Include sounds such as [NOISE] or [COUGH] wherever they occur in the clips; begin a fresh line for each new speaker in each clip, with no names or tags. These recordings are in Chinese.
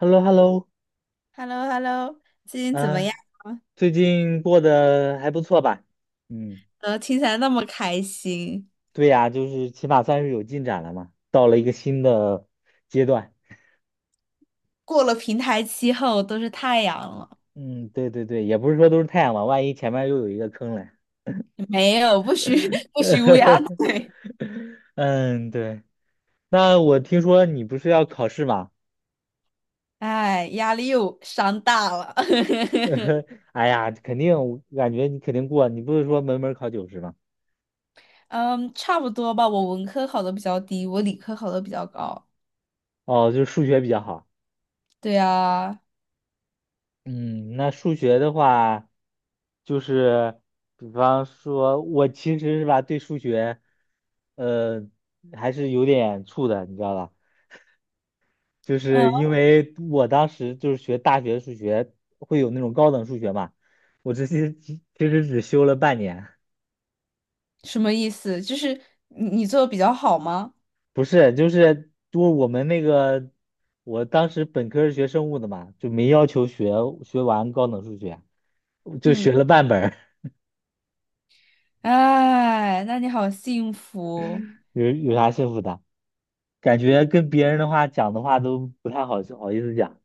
h e l l o h e l l o
h e l l o h e l l o 最近怎么
啊，
样
最近过得还不错吧？嗯，
呢？听起来那么开心。
对呀，就是起码算是有进展了嘛，到了一个新的阶段。
过了平台期后都是太阳了，
嗯，对对对，也不是说都是太阳嘛，万一前面又有一个坑嘞。
没有，不许 [LAUGHS] 不许乌鸦
[LAUGHS]
嘴。
嗯，对。那我听说你不是要考试吗？
哎，压力又山大了。[LAUGHS]
[LAUGHS] 哎呀，肯定，我感觉你肯定过，你不是说门门儿考90吗？
嗯，差不多吧。我文科考的比较低，我理科考的比较高。
哦，就是数学比较好。
对啊，
嗯，那数学的话，就是比方说，我其实是吧，对数学，呃，还是有点怵的，你知道吧？就
嗯，
是因为我当时就是学大学数学，会有那种高等数学嘛，我这些其实只修了半年，
什么意思？就是你做的比较好吗？
不是，就是多我们那个，我当时本科是学生物的嘛，就没要求学完高等数学，就
嗯，
学了半本儿，
哎，那你好幸福。
有有啥幸福的？感觉跟别人的话讲的话都不太好好意思讲。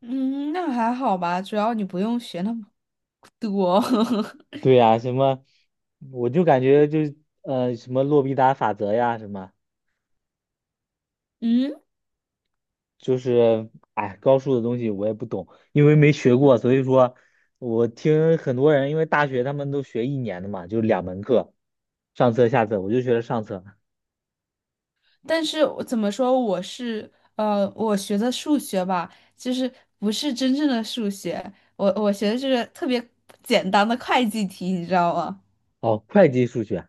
嗯，那还好吧，主要你不用学那么多。
对
[LAUGHS]
呀、什么，我就感觉就什么洛必达法则呀，什么
嗯，
就是哎高数的东西我也不懂，因为没学过，所以说我听很多人，因为大学他们都学一年的嘛，就2门课，上册下册，我就学了上册。
但是我怎么说，我是我学的数学吧，就是不是真正的数学，我学的是特别简单的会计题，你知道吗？
哦，会计数学，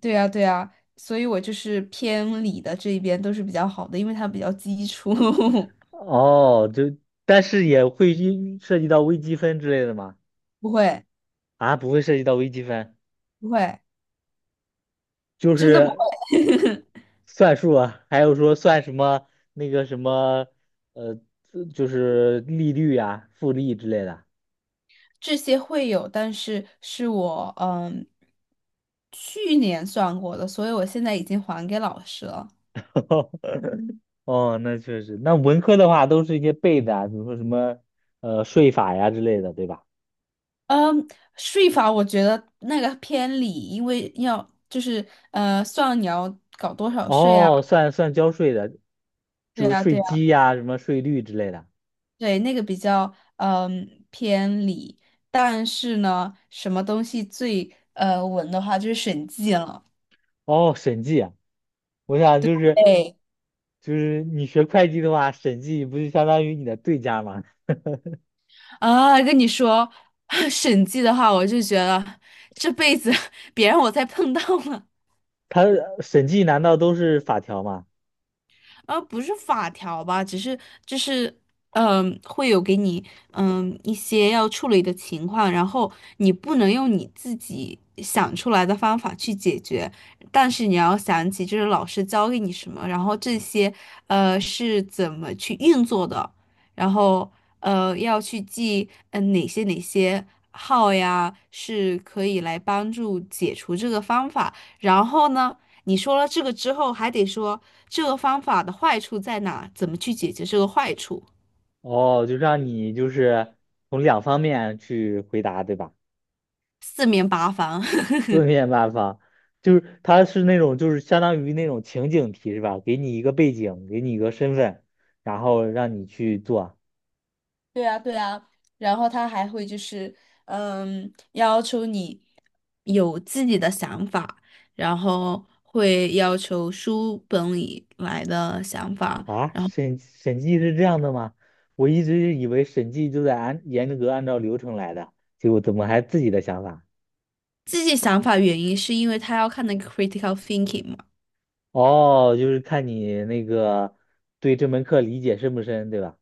对呀，对呀，所以我就是偏理的这一边都是比较好的，因为它比较基础。[LAUGHS]
哦，就但是也会一涉及到微积分之类的吗？
不会，
啊，不会涉及到微积分，
不会，
就
真的不
是。
会。
算数啊，还有说算什么那个什么，呃，就是利率啊、复利之类的。
[LAUGHS] 这些会有，但是是我去年算过的，所以我现在已经还给老师了。
[LAUGHS] 哦，那确实，那文科的话都是一些背的啊比如说什么呃税法呀之类的，对吧？
嗯，税法我觉得那个偏理，因为要就是算你要搞多少税啊，
哦，算算交税的，
对
就是
啊，
税
对啊，
基呀、什么税率之类的。
对，那个比较偏理。但是呢，什么东西最稳的话就是审计了。
哦，审计啊，我想就是
对
就是你学会计的话，审计不就相当于你的对家吗？
啊，跟你说，[LAUGHS] 审计的话，我就觉得这辈子 [LAUGHS] 别让我再碰到了。
它审计难道都是法条吗？
不是法条吧，只是就是，会有给你一些要处理的情况，然后你不能用你自己想出来的方法去解决，但是你要想起就是老师教给你什么，然后这些是怎么去运作的，然后要去记哪些号呀是可以来帮助解除这个方法，然后呢？你说了这个之后，还得说这个方法的坏处在哪，怎么去解决这个坏处，
哦，就让你就是从两方面去回答，对吧？
四面八方。
四
[LAUGHS]
面八方，就是它是那种就是相当于那种情景题是吧？给你一个背景，给你一个身份，然后让你去做
对啊，对啊，然后他还会就是，要求你，有自己的想法，然后会要求书本里来的想法。
啊。审计是这样的吗？我一直以为审计就在按严格按照流程来的，结果怎么还自己的想法？
自己想法原因是因为他要看那个 critical thinking 嘛。
哦，就是看你那个对这门课理解深不深，对吧？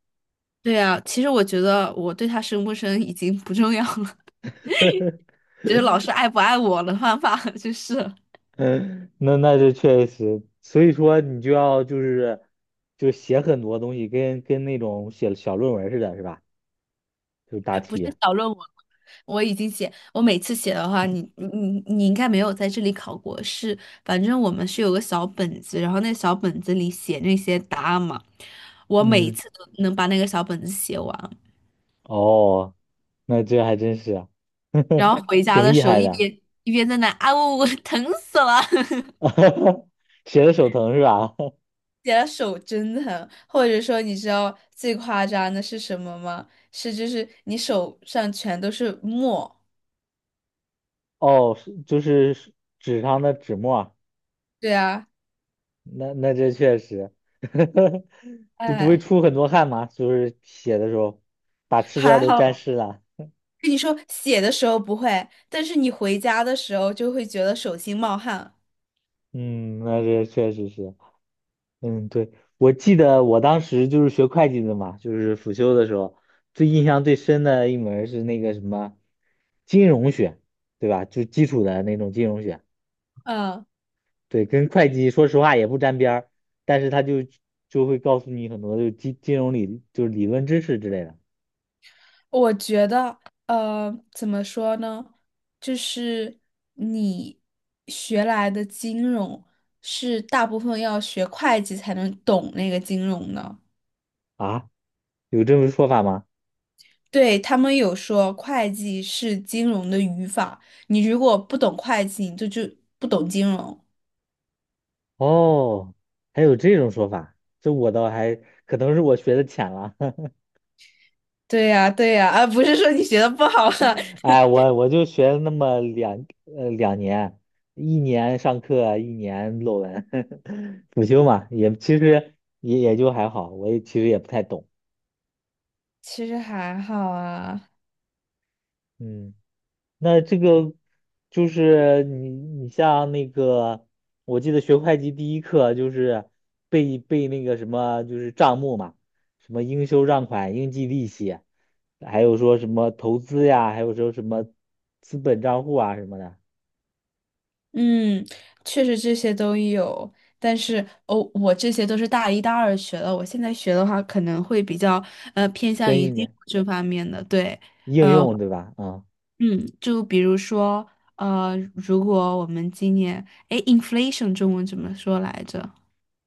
对啊，其实我觉得我对他生不生已经不重要了，
[LAUGHS]
[LAUGHS] 就是老师爱不爱我的方法就是了。
嗯，那那是确实，所以说你就要就是就写很多东西，跟那种写小论文似的，是吧？就是答
哎，不是
题。
小论文，我已经写，我每次写的话，你应该没有在这里考过，是，反正我们是有个小本子，然后那小本子里写那些答案嘛，我每
嗯，
次都能把那个小本子写完，
哦，那这还真是
然后回家
挺
的
厉
时候
害
一
的，
边一边在那啊呜呜，疼死了，[LAUGHS]
[LAUGHS] 写的手疼是吧？[LAUGHS]
写的手真疼，或者说你知道最夸张的是什么吗？是就是你手上全都是墨，
哦，是就是纸上的纸墨啊，
对啊，
那那这确实，[LAUGHS] 就不会
哎。
出很多汗嘛，就是写的时候把试卷
还
都沾
好，
湿了。
跟你说写的时候不会，但是你回家的时候就会觉得手心冒汗。
嗯，那这确实是。嗯，对，我记得我当时就是学会计的嘛，就是辅修的时候，最印象最深的一门儿是那个什么金融学，对吧？就基础的那种金融学，
嗯，
对，跟会计说实话也不沾边儿，但是他就就会告诉你很多就是金融就是理论知识之类的
我觉得，怎么说呢？就是你学来的金融是大部分要学会计才能懂那个金融的。
啊，有这种说法吗？
对，他们有说会计是金融的语法，你如果不懂会计，你就不懂金融。
哦，还有这种说法，这我倒还可能是我学的浅了，[LAUGHS]
对呀，对呀，啊，不是说你学的不好啊，
哎，我就学了那么两2年，1年上课，1年论文，[LAUGHS] 辅修嘛，也其实也也就还好，我也其实也不太懂。
[LAUGHS] 其实还好啊。
嗯，那这个就是你你像那个，我记得学会计第一课就是背背那个什么，就是账目嘛，什么应收账款、应计利息，还有说什么投资呀，还有说什么资本账户啊什么的，
嗯，确实这些都有，但是哦，我这些都是大一大二学的，我现在学的话可能会比较偏向
深
于
一
基础
点
这方面的，对，
应用对吧？啊、
嗯，就比如说如果我们今年，哎 i n f lation 中文怎么说来着？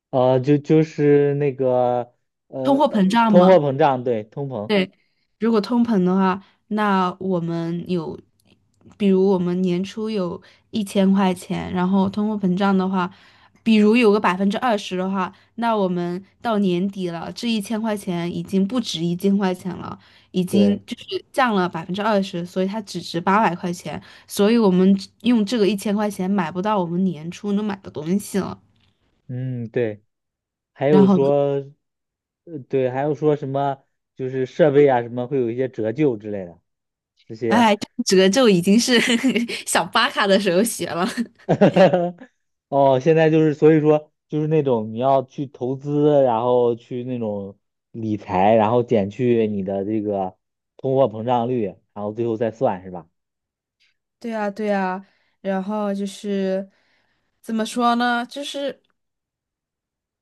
就就是那个
通
呃，
货膨胀
通货
吗？
膨胀，对，通膨，
对，如果通膨的话，那我们有，比如我们年初有一千块钱，然后通货膨胀的话，比如有个百分之二十的话，那我们到年底了，这一千块钱已经不值一千块钱了，已经
对，
就是降了百分之二十，所以它只值800块钱，所以我们只用这个一千块钱买不到我们年初能买的东西了，
嗯，对，还
然
有
后，
说，对，还有说什么，就是设备啊什么会有一些折旧之类的，这些，
哎，这个就已经是 [LAUGHS] 小巴卡的时候学了。
[LAUGHS] 哦，现在就是所以说就是那种你要去投资，然后去那种理财，然后减去你的这个通货膨胀率，然后最后再算是吧？
对呀，对呀，然后就是怎么说呢？就是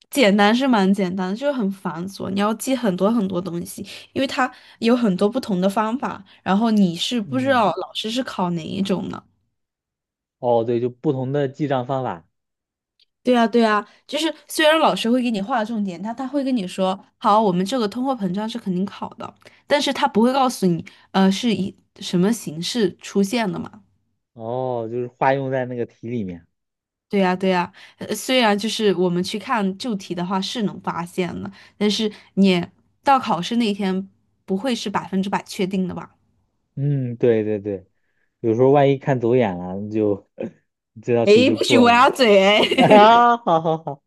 简单是蛮简单的，就是很繁琐，你要记很多很多东西，因为它有很多不同的方法，然后你是不知
嗯，
道老师是考哪一种呢？
哦，对，就不同的记账方法。
对呀，对呀，就是虽然老师会给你划重点，他会跟你说，好，我们这个通货膨胀是肯定考的，但是他不会告诉你，是以什么形式出现的嘛。
哦，就是化用在那个题里面。
对呀，对呀，虽然就是我们去看旧题的话是能发现的，但是你到考试那一天不会是百分之百确定的吧？
嗯，对对对，有时候万一看走眼了，就 [LAUGHS] 这道题
哎，
就
不许
过了。
歪嘴哎
[LAUGHS] 啊，好好好，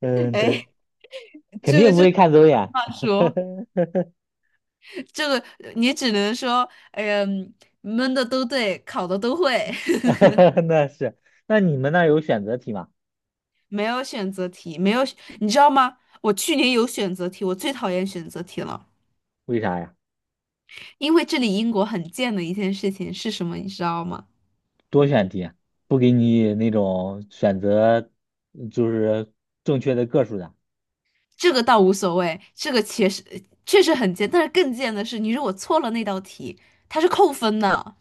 嗯，对，
诶 [LAUGHS]，
肯
这
定
个
不
这个
会看走眼。
话说，
[LAUGHS]
这个你只能说，哎呀，闷的都对，考的都会，
[LAUGHS] 那是，那你们那儿有选择题吗？
[LAUGHS] 没有选择题，没有，你知道吗？我去年有选择题，我最讨厌选择题了，
为啥呀？
因为这里英国很贱的一件事情是什么，你知道吗？
多选题啊不给你那种选择，就是正确的个数的。
这个倒无所谓，这个确实很贱，但是更贱的是，你如果错了那道题，它是扣分的，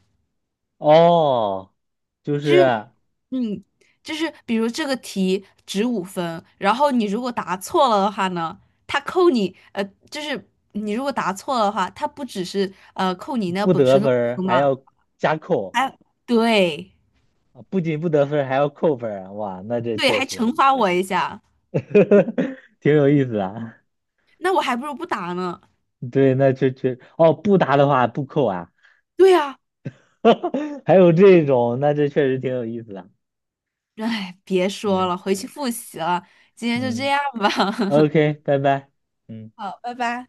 哦，就
就是
是
嗯，就是比如这个题值5分，然后你如果答错了的话呢，它扣你就是你如果答错了的话，它不只是扣你那
不
本
得
身的
分儿
分
还
嘛，
要加扣。
还对
啊，不仅不得分儿，还要扣分儿啊！哇，那这
对，
确
还
实
惩罚我一下，
[LAUGHS] 挺有意思啊。
那我还不如不答呢。
对，那确确哦，不答的话不扣啊，
对呀，
[LAUGHS] 还有这种，那这确实挺有意思的啊。
哎，别说
嗯
了，回去复习了，今天就这
嗯
样吧。[LAUGHS]
，OK，拜拜。嗯。
好，拜拜。